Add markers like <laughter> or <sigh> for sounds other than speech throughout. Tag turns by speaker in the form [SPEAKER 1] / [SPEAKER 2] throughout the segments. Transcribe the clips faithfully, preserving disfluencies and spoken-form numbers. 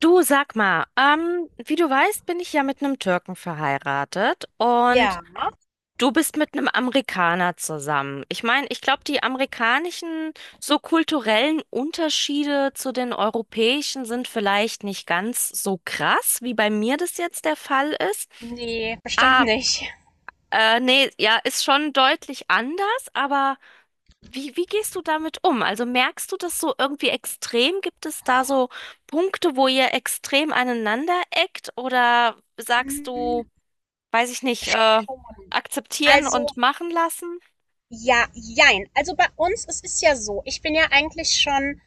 [SPEAKER 1] Du sag mal, ähm, wie du weißt, bin ich ja mit einem Türken verheiratet und
[SPEAKER 2] Ja,
[SPEAKER 1] du bist mit einem Amerikaner zusammen. Ich meine, ich glaube, die amerikanischen so kulturellen Unterschiede zu den europäischen sind vielleicht nicht ganz so krass, wie bei mir das jetzt der Fall ist.
[SPEAKER 2] ne, bestimmt
[SPEAKER 1] Ah,
[SPEAKER 2] nicht.
[SPEAKER 1] äh, nee, ja, ist schon deutlich anders, aber wie, wie gehst du damit um? Also merkst du das so irgendwie extrem? Gibt es da so Punkte, wo ihr extrem aneinander eckt? Oder sagst du,
[SPEAKER 2] Hm,
[SPEAKER 1] weiß ich nicht, äh,
[SPEAKER 2] schon.
[SPEAKER 1] akzeptieren
[SPEAKER 2] Also,
[SPEAKER 1] und machen lassen?
[SPEAKER 2] ja, jein. Also bei uns, es ist ja so, ich bin ja eigentlich schon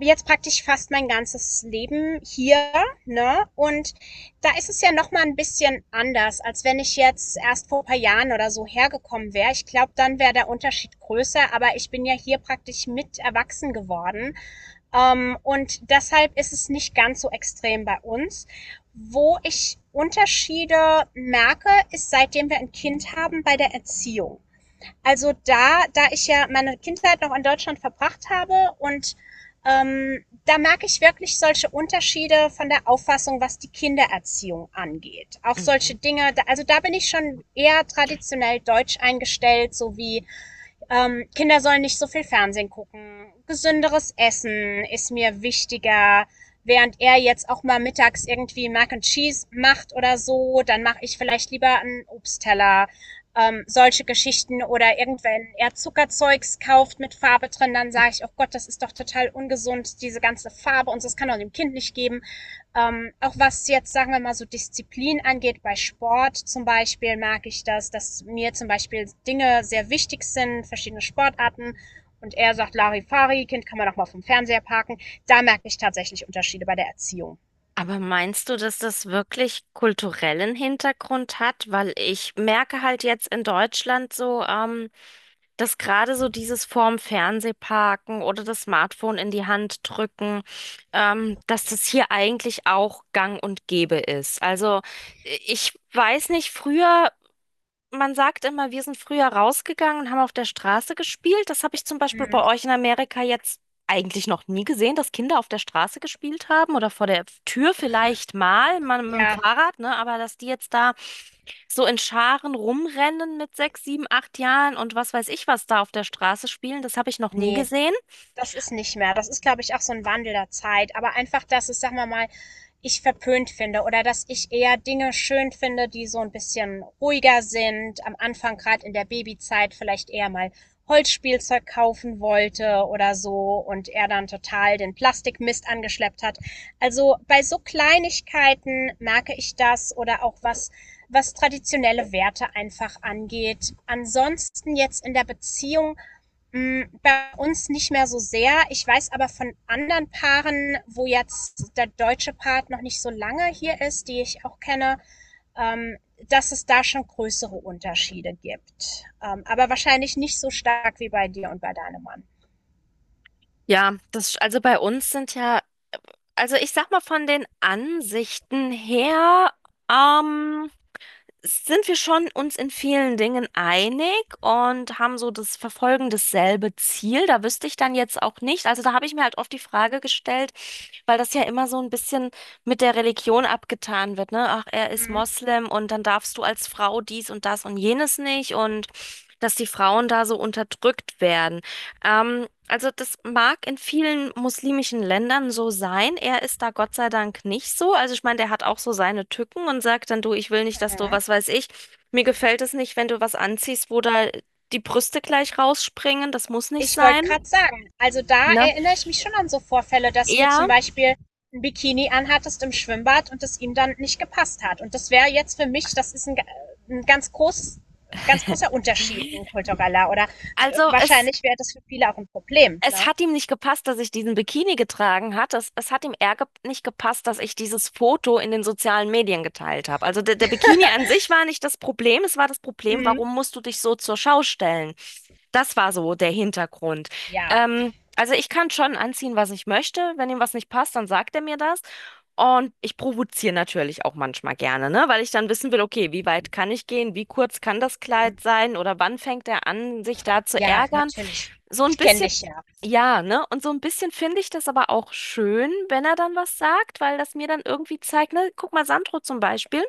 [SPEAKER 2] jetzt praktisch fast mein ganzes Leben hier, ne? Und da ist es ja noch mal ein bisschen anders, als wenn ich jetzt erst vor ein paar Jahren oder so hergekommen wäre. Ich glaube, dann wäre der Unterschied größer, aber ich bin ja hier praktisch mit erwachsen geworden. Ähm, und deshalb ist es nicht ganz so extrem bei uns. Wo ich Unterschiede merke, ist seitdem wir ein Kind haben bei der Erziehung. Also da, da ich ja meine Kindheit noch in Deutschland verbracht habe und ähm, da merke ich wirklich solche Unterschiede von der Auffassung, was die Kindererziehung angeht. Auch solche
[SPEAKER 1] Mhm.
[SPEAKER 2] Dinge, also da bin ich schon eher traditionell deutsch eingestellt, so wie ähm, Kinder sollen nicht so viel Fernsehen gucken. Gesünderes Essen ist mir wichtiger. Während er jetzt auch mal mittags irgendwie Mac and Cheese macht oder so, dann mache ich vielleicht lieber einen Obstteller. Ähm, solche Geschichten, oder irgendwann er Zuckerzeugs kauft mit Farbe drin, dann sage ich, oh Gott, das ist doch total ungesund, diese ganze Farbe und so, das kann doch dem Kind nicht geben. Ähm, auch was jetzt, sagen wir mal, so Disziplin angeht, bei Sport zum Beispiel merke ich das, dass mir zum Beispiel Dinge sehr wichtig sind, verschiedene Sportarten. Und er sagt, Larifari, Kind kann man doch mal vom Fernseher parken. Da merke ich tatsächlich Unterschiede bei der Erziehung.
[SPEAKER 1] Aber meinst du, dass das wirklich kulturellen Hintergrund hat? Weil ich merke halt jetzt in Deutschland so, ähm, dass gerade so dieses vorm Fernseh parken oder das Smartphone in die Hand drücken, ähm, dass das hier eigentlich auch gang und gäbe ist. Also äh, ich weiß nicht, früher man sagt immer, wir sind früher rausgegangen und haben auf der Straße gespielt. Das habe ich zum Beispiel bei
[SPEAKER 2] Mhm.
[SPEAKER 1] euch in Amerika jetzt eigentlich noch nie gesehen, dass Kinder auf der Straße gespielt haben oder vor der Tür vielleicht mal, mal mit dem
[SPEAKER 2] Ja,
[SPEAKER 1] Fahrrad, ne? Aber dass die jetzt da so in Scharen rumrennen mit sechs, sieben, acht Jahren und was weiß ich was da auf der Straße spielen, das habe ich noch nie
[SPEAKER 2] nee,
[SPEAKER 1] gesehen.
[SPEAKER 2] das ist nicht mehr. Das ist, glaube ich, auch so ein Wandel der Zeit, aber einfach, dass es, sagen wir mal, ich verpönt finde oder dass ich eher Dinge schön finde, die so ein bisschen ruhiger sind. Am Anfang, gerade in der Babyzeit, vielleicht eher mal Holzspielzeug kaufen wollte oder so und er dann total den Plastikmist angeschleppt hat. Also, bei so Kleinigkeiten merke ich das, oder auch was was traditionelle Werte einfach angeht. Ansonsten jetzt in der Beziehung. Mm, Bei uns nicht mehr so sehr. Ich weiß aber von anderen Paaren, wo jetzt der deutsche Part noch nicht so lange hier ist, die ich auch kenne, ähm, dass es da schon größere Unterschiede gibt. Ähm, aber wahrscheinlich nicht so stark wie bei dir und bei deinem Mann.
[SPEAKER 1] Ja, das, also bei uns sind ja, also ich sag mal von den Ansichten her, ähm, sind wir schon uns in vielen Dingen einig und haben so das Verfolgen dasselbe Ziel. Da wüsste ich dann jetzt auch nicht. Also da habe ich mir halt oft die Frage gestellt, weil das ja immer so ein bisschen mit der Religion abgetan wird, ne? Ach, er ist Moslem und dann darfst du als Frau dies und das und jenes nicht und dass die Frauen da so unterdrückt werden. Ähm, also das mag in vielen muslimischen Ländern so sein. Er ist da Gott sei Dank nicht so. Also ich meine, der hat auch so seine Tücken und sagt dann, du, ich will nicht, dass du,
[SPEAKER 2] Mhm.
[SPEAKER 1] was weiß ich, mir gefällt es nicht, wenn du was anziehst, wo da die Brüste gleich rausspringen. Das muss nicht
[SPEAKER 2] Ich wollte
[SPEAKER 1] sein,
[SPEAKER 2] gerade sagen, also da
[SPEAKER 1] ne?
[SPEAKER 2] erinnere ich mich schon an so Vorfälle, dass du zum
[SPEAKER 1] Ja,
[SPEAKER 2] Beispiel ein Bikini anhattest im Schwimmbad und es ihm dann nicht gepasst hat. Und das wäre jetzt für mich, das ist ein, äh, ein ganz großes ganz
[SPEAKER 1] <laughs>
[SPEAKER 2] großer Unterschied, ein kultureller. Oder
[SPEAKER 1] also es
[SPEAKER 2] wahrscheinlich wäre das für viele auch ein Problem.
[SPEAKER 1] Es
[SPEAKER 2] Ne?
[SPEAKER 1] hat ihm nicht gepasst, dass ich diesen Bikini getragen hat. Es, es hat ihm eher ge nicht gepasst, dass ich dieses Foto in den sozialen Medien geteilt habe. Also der, der Bikini an sich war nicht das Problem. Es war das Problem,
[SPEAKER 2] Mhm.
[SPEAKER 1] warum musst du dich so zur Schau stellen? Das war so der Hintergrund.
[SPEAKER 2] Ja,
[SPEAKER 1] Ähm, also ich kann schon anziehen, was ich möchte. Wenn ihm was nicht passt, dann sagt er mir das. Und ich provoziere natürlich auch manchmal gerne, ne? Weil ich dann wissen will, okay, wie weit kann ich gehen? Wie kurz kann das
[SPEAKER 2] mhm.
[SPEAKER 1] Kleid sein? Oder wann fängt er an, sich da zu
[SPEAKER 2] Ja,
[SPEAKER 1] ärgern?
[SPEAKER 2] natürlich.
[SPEAKER 1] So ein
[SPEAKER 2] Ich kenne
[SPEAKER 1] bisschen
[SPEAKER 2] dich ja.
[SPEAKER 1] ja, ne? Und so ein bisschen finde ich das aber auch schön, wenn er dann was sagt, weil das mir dann irgendwie zeigt, ne? Guck mal, Sandro zum Beispiel,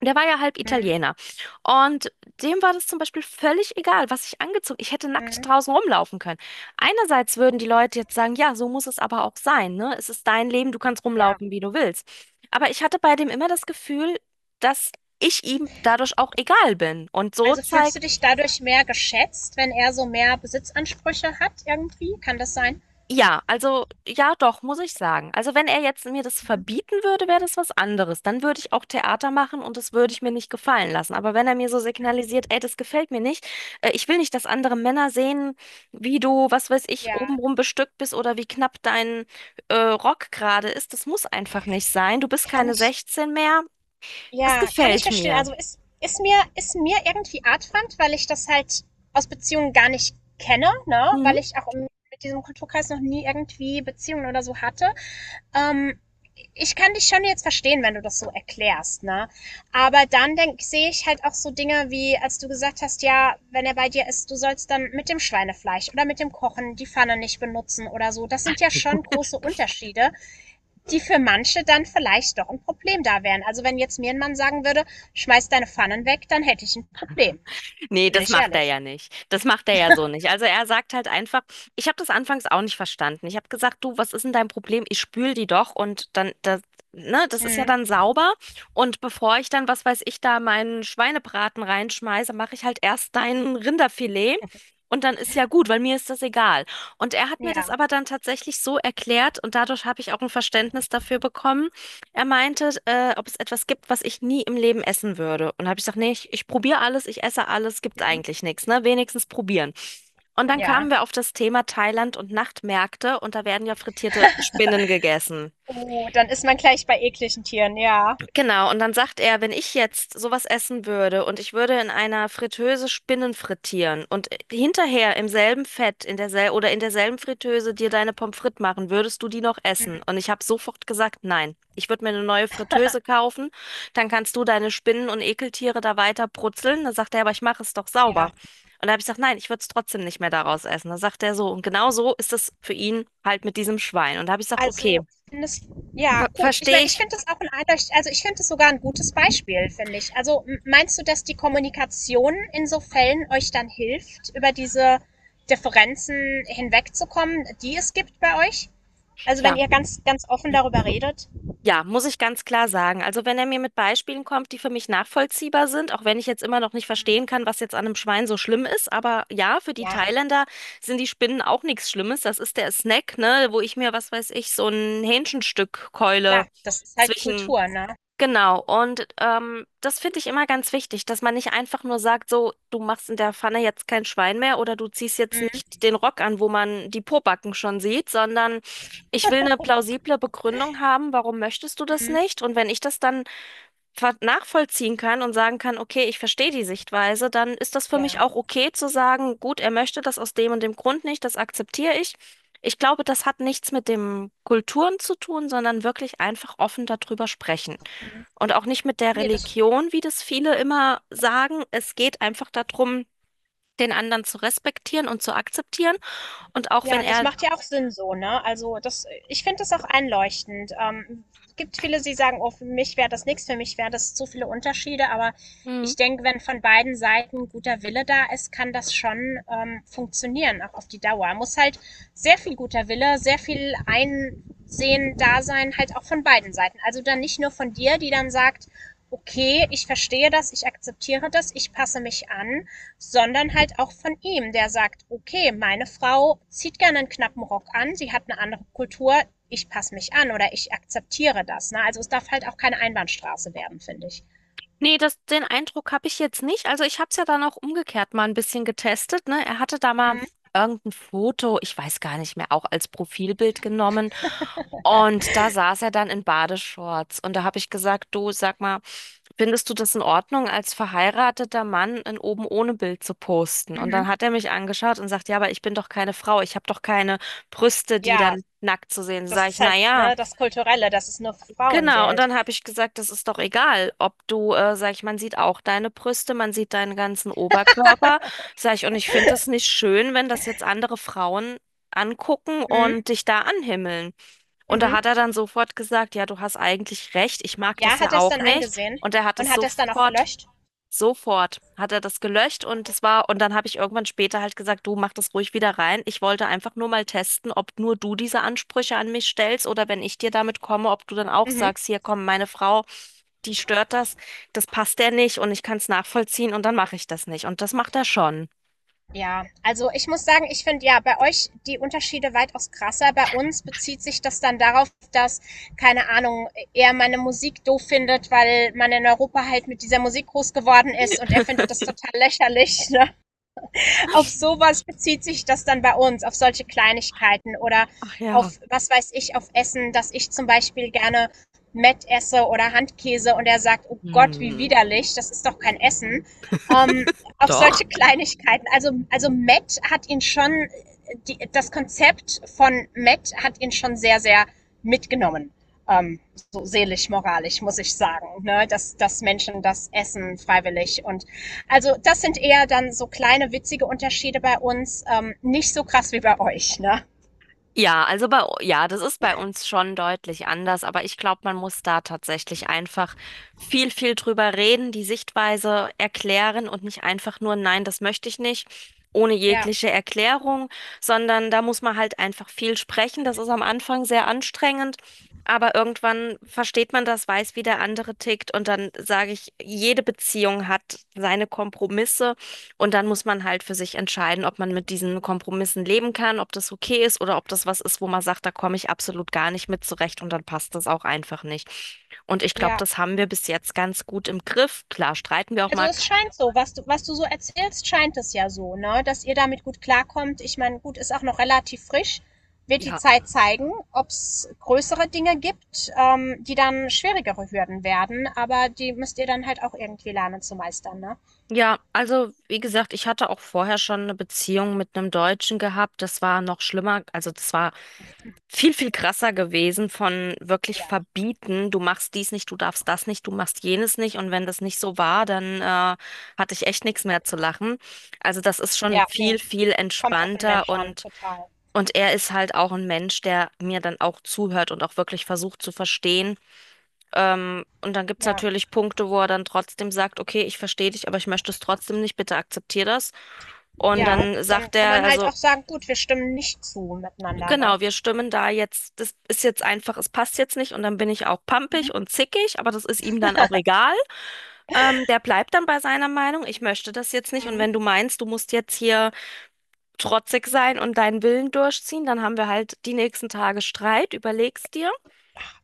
[SPEAKER 1] der war ja halb
[SPEAKER 2] Mhm.
[SPEAKER 1] Italiener. Und dem war das zum Beispiel völlig egal, was ich angezogen, ich hätte nackt
[SPEAKER 2] Mhm.
[SPEAKER 1] draußen rumlaufen können. Einerseits würden die Leute jetzt sagen, ja, so muss es aber auch sein, ne? Es ist dein Leben, du kannst
[SPEAKER 2] Ja.
[SPEAKER 1] rumlaufen, wie du willst. Aber ich hatte bei dem immer das Gefühl, dass ich ihm dadurch auch egal bin. Und so
[SPEAKER 2] Also fühlst
[SPEAKER 1] zeigt
[SPEAKER 2] du dich dadurch mehr geschätzt, wenn er so mehr Besitzansprüche hat irgendwie? Kann das sein?
[SPEAKER 1] Ja, also ja, doch, muss ich sagen. Also wenn er jetzt mir das verbieten würde, wäre das was anderes. Dann würde ich auch Theater machen und das würde ich mir nicht gefallen lassen. Aber wenn er mir so signalisiert, ey, das gefällt mir nicht, äh, ich will nicht, dass andere Männer sehen, wie du, was weiß ich,
[SPEAKER 2] Ja,
[SPEAKER 1] obenrum bestückt bist oder wie knapp dein äh, Rock gerade ist, das muss einfach nicht sein. Du bist
[SPEAKER 2] kann
[SPEAKER 1] keine
[SPEAKER 2] ich
[SPEAKER 1] sechzehn mehr. Das
[SPEAKER 2] Ja, kann ich
[SPEAKER 1] gefällt
[SPEAKER 2] verstehen.
[SPEAKER 1] mir.
[SPEAKER 2] Also ist, ist mir, ist mir irgendwie artfremd, weil ich das halt aus Beziehungen gar nicht kenne, ne?
[SPEAKER 1] Mhm.
[SPEAKER 2] Weil ich auch im, mit diesem Kulturkreis noch nie irgendwie Beziehungen oder so hatte. Ähm, ich kann dich schon jetzt verstehen, wenn du das so erklärst, ne? Aber dann denk, sehe ich halt auch so Dinge wie, als du gesagt hast, ja, wenn er bei dir ist, du sollst dann mit dem Schweinefleisch oder mit dem Kochen die Pfanne nicht benutzen oder so. Das sind ja schon große Unterschiede, die für manche dann vielleicht doch ein Problem da wären. Also wenn jetzt mir ein Mann sagen würde, schmeiß deine Pfannen weg, dann hätte ich ein Problem.
[SPEAKER 1] Nee,
[SPEAKER 2] Bin
[SPEAKER 1] das
[SPEAKER 2] ich
[SPEAKER 1] macht er
[SPEAKER 2] ehrlich.
[SPEAKER 1] ja nicht. Das macht er ja so nicht. Also er sagt halt einfach, ich habe das anfangs auch nicht verstanden. Ich habe gesagt, du, was ist denn dein Problem? Ich spül die doch und dann, das, ne, das ist ja
[SPEAKER 2] Mhm.
[SPEAKER 1] dann sauber. Und bevor ich dann, was weiß ich, da meinen Schweinebraten reinschmeiße, mache ich halt erst dein Rinderfilet. Und dann ist ja gut, weil mir ist das egal. Und er hat mir das
[SPEAKER 2] Ja.
[SPEAKER 1] aber dann tatsächlich so erklärt und dadurch habe ich auch ein Verständnis dafür bekommen, er meinte, äh, ob es etwas gibt, was ich nie im Leben essen würde. Und habe ich gesagt, nee, ich, ich probiere alles, ich esse alles, Gibt's
[SPEAKER 2] Mhm.
[SPEAKER 1] eigentlich nichts, ne? Wenigstens probieren. Und dann kamen
[SPEAKER 2] Ja.
[SPEAKER 1] wir auf das Thema Thailand und Nachtmärkte und da werden ja frittierte Spinnen gegessen.
[SPEAKER 2] Oh, dann ist man gleich bei ekligen Tieren, ja.
[SPEAKER 1] Genau, und dann sagt er, wenn ich jetzt sowas essen würde und ich würde in einer Fritteuse Spinnen frittieren und hinterher im selben Fett in dersel oder in derselben Fritteuse dir deine Pommes frites machen, würdest du die noch essen?
[SPEAKER 2] Mhm.
[SPEAKER 1] Und ich habe sofort gesagt, nein. Ich würde mir eine neue Fritteuse kaufen, dann kannst du deine Spinnen und Ekeltiere da weiter brutzeln. Dann sagt er, aber ich mache es doch sauber.
[SPEAKER 2] Ja.
[SPEAKER 1] Und da habe ich gesagt, nein, ich würde es trotzdem nicht mehr daraus essen. Dann sagt er so, und genau so ist es für ihn halt mit diesem Schwein. Und da habe ich gesagt, okay,
[SPEAKER 2] Also, findest, ja,
[SPEAKER 1] ver
[SPEAKER 2] gut. Ich
[SPEAKER 1] verstehe
[SPEAKER 2] meine, ich
[SPEAKER 1] ich.
[SPEAKER 2] finde das auch ein eindeutig, also ich finde das sogar ein gutes Beispiel, finde ich. Also, m- meinst du, dass die Kommunikation in so Fällen euch dann hilft, über diese Differenzen hinwegzukommen, die es gibt bei euch? Also, wenn
[SPEAKER 1] Ja,
[SPEAKER 2] ihr ganz ganz offen darüber redet.
[SPEAKER 1] Ja, muss ich ganz klar sagen. Also wenn er mir mit Beispielen kommt, die für mich nachvollziehbar sind, auch wenn ich jetzt immer noch nicht verstehen kann, was jetzt an einem Schwein so schlimm ist, aber ja, für die
[SPEAKER 2] Ja,
[SPEAKER 1] Thailänder sind die Spinnen auch nichts Schlimmes. Das ist der Snack, ne, wo ich mir, was weiß ich, so ein Hähnchenstück keule
[SPEAKER 2] klar, das ist halt
[SPEAKER 1] zwischen
[SPEAKER 2] Kultur, ne?
[SPEAKER 1] Genau, und ähm, das finde ich immer ganz wichtig, dass man nicht einfach nur sagt, so, du machst in der Pfanne jetzt kein Schwein mehr oder du ziehst jetzt nicht den Rock an, wo man die Pobacken schon sieht, sondern ich will eine plausible Begründung haben, warum möchtest du das
[SPEAKER 2] Mhm.
[SPEAKER 1] nicht? Und wenn ich das dann ver- nachvollziehen kann und sagen kann, okay, ich verstehe die Sichtweise, dann ist das für mich
[SPEAKER 2] Ja.
[SPEAKER 1] auch okay zu sagen, gut, er möchte das aus dem und dem Grund nicht, das akzeptiere ich. Ich glaube, das hat nichts mit dem Kulturen zu tun, sondern wirklich einfach offen darüber sprechen.
[SPEAKER 2] Mhm.
[SPEAKER 1] Und auch nicht mit der
[SPEAKER 2] Ne, das
[SPEAKER 1] Religion, wie das viele immer sagen. Es geht einfach darum, den anderen zu respektieren und zu akzeptieren. Und auch wenn
[SPEAKER 2] Ja, das
[SPEAKER 1] er
[SPEAKER 2] macht ja auch Sinn so, ne? Also, das ich finde das auch einleuchtend. Ähm, es gibt viele, die sagen: „Oh, für mich wäre das nichts, für mich wäre das zu viele Unterschiede." Aber
[SPEAKER 1] Mhm.
[SPEAKER 2] ich denke, wenn von beiden Seiten guter Wille da ist, kann das schon, ähm, funktionieren, auch auf die Dauer. Muss halt sehr viel guter Wille, sehr viel Einsehen da sein, halt auch von beiden Seiten. Also, dann nicht nur von dir, die dann sagt: „Okay, ich verstehe das, ich akzeptiere das, ich passe mich an.", sondern halt auch von ihm, der sagt, okay, meine Frau zieht gerne einen knappen Rock an, sie hat eine andere Kultur, ich passe mich an oder ich akzeptiere das. Ne? Also es darf halt auch keine Einbahnstraße werden, finde ich.
[SPEAKER 1] Nee, das, den Eindruck habe ich jetzt nicht. Also ich habe es ja dann auch umgekehrt mal ein bisschen getestet, ne? Er hatte da mal
[SPEAKER 2] Mhm.
[SPEAKER 1] irgendein Foto, ich weiß gar nicht mehr, auch als Profilbild genommen. Und da saß er dann in Badeshorts. Und da habe ich gesagt, du, sag mal, findest du das in Ordnung, als verheirateter Mann ein oben ohne Bild zu posten? Und dann
[SPEAKER 2] Mhm.
[SPEAKER 1] hat er mich angeschaut und sagt, ja, aber ich bin doch keine Frau, ich habe doch keine Brüste, die
[SPEAKER 2] Ja,
[SPEAKER 1] dann nackt zu sehen. Sind.
[SPEAKER 2] das
[SPEAKER 1] Sag
[SPEAKER 2] ist
[SPEAKER 1] ich,
[SPEAKER 2] halt
[SPEAKER 1] na ja.
[SPEAKER 2] ne, das Kulturelle, das ist nur für Frauen
[SPEAKER 1] Genau, und
[SPEAKER 2] gilt.
[SPEAKER 1] dann habe ich gesagt, das ist doch egal, ob du, äh, sag ich, man sieht auch deine Brüste, man sieht deinen ganzen Oberkörper, sag ich, und ich finde es nicht schön, wenn das jetzt andere Frauen angucken
[SPEAKER 2] Mhm.
[SPEAKER 1] und dich da anhimmeln. Und da
[SPEAKER 2] Mhm.
[SPEAKER 1] hat er dann sofort gesagt, ja, du hast eigentlich recht, ich mag das
[SPEAKER 2] Ja, hat
[SPEAKER 1] ja
[SPEAKER 2] er es
[SPEAKER 1] auch
[SPEAKER 2] dann
[SPEAKER 1] nicht.
[SPEAKER 2] eingesehen
[SPEAKER 1] Und er hat
[SPEAKER 2] und
[SPEAKER 1] es
[SPEAKER 2] hat er es dann auch
[SPEAKER 1] sofort
[SPEAKER 2] gelöscht?
[SPEAKER 1] Sofort hat er das gelöscht und es war, und dann habe ich irgendwann später halt gesagt, du mach das ruhig wieder rein. Ich wollte einfach nur mal testen, ob nur du diese Ansprüche an mich stellst oder wenn ich dir damit komme, ob du dann auch
[SPEAKER 2] Mhm.
[SPEAKER 1] sagst, hier komm, meine Frau, die stört das, das passt der nicht und ich kann es nachvollziehen und dann mache ich das nicht. Und das macht er schon.
[SPEAKER 2] Ja, also ich muss sagen, ich finde ja bei euch die Unterschiede weitaus krasser. Bei uns bezieht sich das dann darauf, dass, keine Ahnung, er meine Musik doof findet, weil man in Europa halt mit dieser Musik groß geworden ist und er findet das
[SPEAKER 1] <laughs>
[SPEAKER 2] total lächerlich, <laughs> ne? Auf sowas bezieht sich das dann bei uns, auf solche Kleinigkeiten oder
[SPEAKER 1] Ach ja.
[SPEAKER 2] auf, was weiß ich, auf Essen, dass ich zum Beispiel gerne Mett esse oder Handkäse und er sagt, oh Gott, wie
[SPEAKER 1] Hm,
[SPEAKER 2] widerlich, das ist doch kein Essen. Ähm, auf
[SPEAKER 1] doch.
[SPEAKER 2] solche Kleinigkeiten. Also, also Matt hat ihn schon, die, das Konzept von Matt hat ihn schon sehr, sehr mitgenommen. Ähm, so seelisch, moralisch, muss ich sagen, ne? dass, dass, Menschen das essen freiwillig, und also das sind eher dann so kleine witzige Unterschiede bei uns, ähm, nicht so krass wie bei euch, ne?
[SPEAKER 1] Ja, also bei, u- ja, das ist bei uns schon deutlich anders, aber ich glaube, man muss da tatsächlich einfach viel, viel drüber reden, die Sichtweise erklären und nicht einfach nur, nein, das möchte ich nicht, ohne
[SPEAKER 2] Ja,
[SPEAKER 1] jegliche Erklärung, sondern da muss man halt einfach viel sprechen. Das ist am Anfang sehr anstrengend, aber irgendwann versteht man das, weiß, wie der andere tickt und dann sage ich, jede Beziehung hat seine Kompromisse. Und dann muss man halt für sich entscheiden, ob man mit diesen Kompromissen leben kann, ob das okay ist oder ob das was ist, wo man sagt, da komme ich absolut gar nicht mit zurecht und dann passt das auch einfach nicht. Und ich glaube,
[SPEAKER 2] ja.
[SPEAKER 1] das haben wir bis jetzt ganz gut im Griff. Klar, streiten wir auch
[SPEAKER 2] Also
[SPEAKER 1] mal.
[SPEAKER 2] es scheint so, was du, was du so erzählst, scheint es ja so, ne? Dass ihr damit gut klarkommt. Ich meine, gut, ist auch noch relativ frisch. Wird die
[SPEAKER 1] Ja.
[SPEAKER 2] Zeit zeigen, ob es größere Dinge gibt, ähm, die dann schwierigere Hürden werden, aber die müsst ihr dann halt auch irgendwie lernen zu meistern, ne?
[SPEAKER 1] Ja, also wie gesagt, ich hatte auch vorher schon eine Beziehung mit einem Deutschen gehabt. Das war noch schlimmer. Also das war viel, viel krasser gewesen von wirklich
[SPEAKER 2] Ja.
[SPEAKER 1] verbieten, du machst dies nicht, du darfst das nicht, du machst jenes nicht und wenn das nicht so war, dann äh, hatte ich echt nichts mehr zu lachen. Also das ist schon
[SPEAKER 2] Ja, nee,
[SPEAKER 1] viel, viel
[SPEAKER 2] kommt auf den
[SPEAKER 1] entspannter
[SPEAKER 2] Mensch an,
[SPEAKER 1] und,
[SPEAKER 2] total.
[SPEAKER 1] und er ist halt auch ein Mensch, der mir dann auch zuhört und auch wirklich versucht zu verstehen. Ähm, und dann gibt's
[SPEAKER 2] Ja.
[SPEAKER 1] natürlich Punkte, wo er dann trotzdem sagt, okay, ich verstehe dich, aber ich möchte es trotzdem nicht, bitte akzeptier das. Und
[SPEAKER 2] Ja,
[SPEAKER 1] dann sagt
[SPEAKER 2] dann kann
[SPEAKER 1] er,
[SPEAKER 2] man halt
[SPEAKER 1] also
[SPEAKER 2] auch sagen: „Gut, wir stimmen nicht zu miteinander", ne?
[SPEAKER 1] genau, wir stimmen da jetzt, das ist jetzt einfach, es passt jetzt nicht und dann bin ich auch
[SPEAKER 2] Mhm.
[SPEAKER 1] pampig und zickig, aber das ist ihm dann auch egal. Ähm, der bleibt dann bei seiner Meinung, ich möchte das jetzt nicht und
[SPEAKER 2] Mhm.
[SPEAKER 1] wenn du meinst, du musst jetzt hier trotzig sein und deinen Willen durchziehen, dann haben wir halt die nächsten Tage Streit, überlegst dir.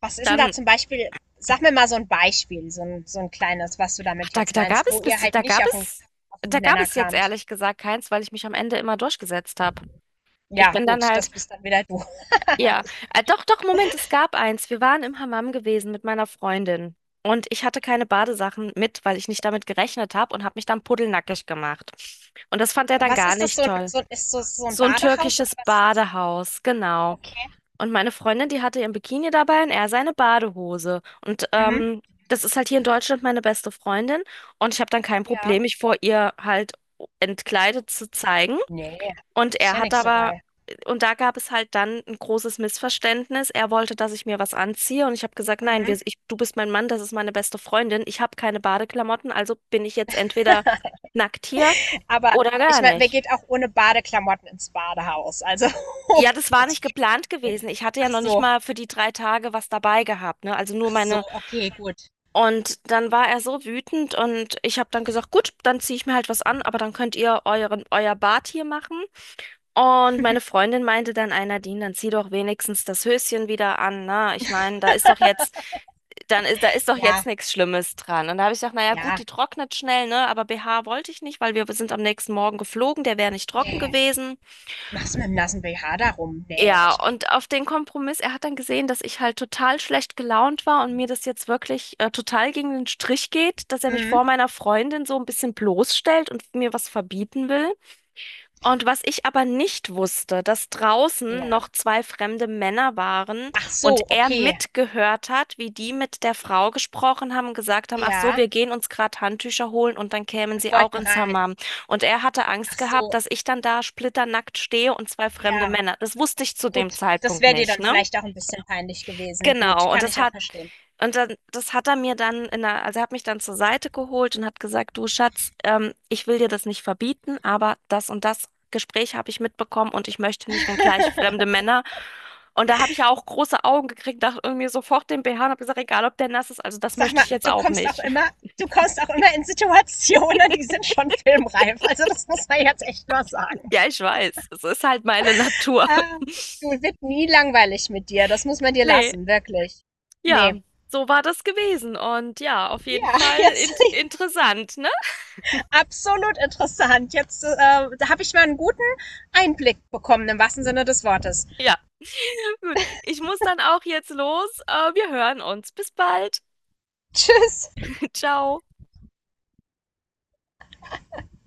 [SPEAKER 2] Was ist denn da
[SPEAKER 1] Dann,
[SPEAKER 2] zum Beispiel, sag mir mal so ein Beispiel, so ein so 'n kleines, was du
[SPEAKER 1] ach,
[SPEAKER 2] damit
[SPEAKER 1] da,
[SPEAKER 2] jetzt
[SPEAKER 1] da gab
[SPEAKER 2] meinst,
[SPEAKER 1] es
[SPEAKER 2] wo
[SPEAKER 1] bis,
[SPEAKER 2] ihr halt
[SPEAKER 1] da
[SPEAKER 2] nicht
[SPEAKER 1] gab
[SPEAKER 2] auf 'n
[SPEAKER 1] es,
[SPEAKER 2] auf 'n
[SPEAKER 1] da gab
[SPEAKER 2] Nenner
[SPEAKER 1] es jetzt
[SPEAKER 2] kamt.
[SPEAKER 1] ehrlich gesagt keins, weil ich mich am Ende immer durchgesetzt habe. Ich
[SPEAKER 2] Ja,
[SPEAKER 1] bin dann
[SPEAKER 2] gut,
[SPEAKER 1] halt
[SPEAKER 2] das bist dann wieder du.
[SPEAKER 1] ja, äh, doch, doch, Moment, es gab eins. Wir waren im Hammam gewesen mit meiner Freundin. Und ich hatte keine Badesachen mit, weil ich nicht damit gerechnet habe und habe mich dann pudelnackig gemacht. Und das fand er dann
[SPEAKER 2] Was
[SPEAKER 1] gar
[SPEAKER 2] ist das,
[SPEAKER 1] nicht
[SPEAKER 2] so ein
[SPEAKER 1] toll.
[SPEAKER 2] so ein ist das so 'n
[SPEAKER 1] So ein
[SPEAKER 2] Badehaus oder
[SPEAKER 1] türkisches
[SPEAKER 2] was ist das?
[SPEAKER 1] Badehaus, genau.
[SPEAKER 2] Okay.
[SPEAKER 1] Und meine Freundin, die hatte ihren Bikini dabei und er seine Badehose. Und
[SPEAKER 2] Mhm.
[SPEAKER 1] ähm, das ist halt hier in Deutschland meine beste Freundin. Und ich habe dann kein
[SPEAKER 2] Ja.
[SPEAKER 1] Problem, mich vor ihr halt entkleidet zu zeigen.
[SPEAKER 2] Ne,
[SPEAKER 1] Und
[SPEAKER 2] ist
[SPEAKER 1] er
[SPEAKER 2] ja
[SPEAKER 1] hat
[SPEAKER 2] nichts
[SPEAKER 1] aber,
[SPEAKER 2] dabei.
[SPEAKER 1] und da gab es halt dann ein großes Missverständnis. Er wollte, dass ich mir was anziehe und ich habe gesagt, nein,
[SPEAKER 2] Mhm.
[SPEAKER 1] wir, ich, du bist mein Mann, das ist meine beste Freundin. Ich habe keine Badeklamotten, also bin ich jetzt entweder nackt hier
[SPEAKER 2] Aber
[SPEAKER 1] oder
[SPEAKER 2] ich
[SPEAKER 1] gar
[SPEAKER 2] meine, wer
[SPEAKER 1] nicht.
[SPEAKER 2] geht auch ohne Badeklamotten ins Badehaus? Also
[SPEAKER 1] Ja,
[SPEAKER 2] <laughs>
[SPEAKER 1] das war nicht geplant gewesen. Ich hatte ja
[SPEAKER 2] ach
[SPEAKER 1] noch nicht
[SPEAKER 2] so,
[SPEAKER 1] mal für die drei Tage was dabei gehabt, ne? Also nur
[SPEAKER 2] ach so,
[SPEAKER 1] meine.
[SPEAKER 2] okay, gut.
[SPEAKER 1] Und dann war er so wütend und ich habe dann gesagt, gut, dann ziehe ich mir halt was an, aber dann könnt ihr euren, euer Bad hier machen. Und meine Freundin meinte dann, einer Nadine, dann zieh doch wenigstens das Höschen wieder an, ne? Ich meine, da ist doch jetzt, dann ist, da ist doch jetzt
[SPEAKER 2] Ja,
[SPEAKER 1] nichts Schlimmes dran. Und da habe ich gesagt, naja, gut,
[SPEAKER 2] ja.
[SPEAKER 1] die trocknet schnell, ne? Aber B H wollte ich nicht, weil wir sind am nächsten Morgen geflogen, der wäre nicht trocken
[SPEAKER 2] Nee.
[SPEAKER 1] gewesen.
[SPEAKER 2] Machst du mit dem nassen B H darum? Nee,
[SPEAKER 1] Ja,
[SPEAKER 2] hätte ich auch.
[SPEAKER 1] und
[SPEAKER 2] nicht.
[SPEAKER 1] auf den Kompromiss, er hat dann gesehen, dass ich halt total schlecht gelaunt war und mir das jetzt wirklich äh, total gegen den Strich geht, dass er mich
[SPEAKER 2] Mhm.
[SPEAKER 1] vor meiner Freundin so ein bisschen bloßstellt und mir was verbieten will. Und was ich aber nicht wusste, dass draußen
[SPEAKER 2] Ja.
[SPEAKER 1] noch zwei fremde Männer waren
[SPEAKER 2] Ach
[SPEAKER 1] und
[SPEAKER 2] so,
[SPEAKER 1] er
[SPEAKER 2] okay.
[SPEAKER 1] mitgehört hat, wie die mit der Frau gesprochen haben, gesagt haben, ach so,
[SPEAKER 2] Ja.
[SPEAKER 1] wir gehen uns gerade Handtücher holen und dann kämen
[SPEAKER 2] Und
[SPEAKER 1] sie auch
[SPEAKER 2] wollten
[SPEAKER 1] ins
[SPEAKER 2] rein.
[SPEAKER 1] Hammam. Und er hatte
[SPEAKER 2] Ach
[SPEAKER 1] Angst
[SPEAKER 2] so,
[SPEAKER 1] gehabt, dass ich dann da splitternackt stehe und zwei fremde
[SPEAKER 2] ja.
[SPEAKER 1] Männer. Das wusste ich zu
[SPEAKER 2] Gut.
[SPEAKER 1] dem
[SPEAKER 2] Das
[SPEAKER 1] Zeitpunkt
[SPEAKER 2] wäre dir
[SPEAKER 1] nicht,
[SPEAKER 2] dann
[SPEAKER 1] ne?
[SPEAKER 2] vielleicht auch ein bisschen peinlich gewesen. Gut,
[SPEAKER 1] Genau, und
[SPEAKER 2] kann
[SPEAKER 1] das
[SPEAKER 2] ich auch
[SPEAKER 1] hat,
[SPEAKER 2] verstehen.
[SPEAKER 1] und dann, das hat er mir dann in der, also er hat mich dann zur Seite geholt und hat gesagt, du Schatz, ähm, ich will dir das nicht verbieten, aber das und das Gespräch habe ich mitbekommen und ich möchte nicht, wenn gleich fremde Männer. Und da habe ich ja auch große Augen gekriegt, dachte irgendwie sofort den B H und habe gesagt, egal ob der nass ist, also das
[SPEAKER 2] Sag
[SPEAKER 1] möchte
[SPEAKER 2] mal,
[SPEAKER 1] ich jetzt
[SPEAKER 2] du
[SPEAKER 1] auch
[SPEAKER 2] kommst auch
[SPEAKER 1] nicht.
[SPEAKER 2] immer,
[SPEAKER 1] <laughs>
[SPEAKER 2] du kommst auch immer in Situationen, die sind schon filmreif. Also das muss man jetzt echt mal sagen.
[SPEAKER 1] Ja, ich weiß, es ist halt meine Natur. <laughs>
[SPEAKER 2] Ah, du wird nie langweilig mit dir. Das muss man dir
[SPEAKER 1] Nee,
[SPEAKER 2] lassen, wirklich.
[SPEAKER 1] ja,
[SPEAKER 2] Nee.
[SPEAKER 1] so war das gewesen und ja, auf jeden
[SPEAKER 2] Ja,
[SPEAKER 1] Fall
[SPEAKER 2] <laughs> jetzt,
[SPEAKER 1] int interessant.
[SPEAKER 2] absolut interessant. Jetzt äh, da habe ich mal einen guten Einblick bekommen, im wahrsten Sinne des Wortes.
[SPEAKER 1] Ja, <laughs> gut. Ich muss dann auch jetzt los. Äh, wir hören uns. Bis bald.
[SPEAKER 2] Tschüss.
[SPEAKER 1] <laughs> Ciao.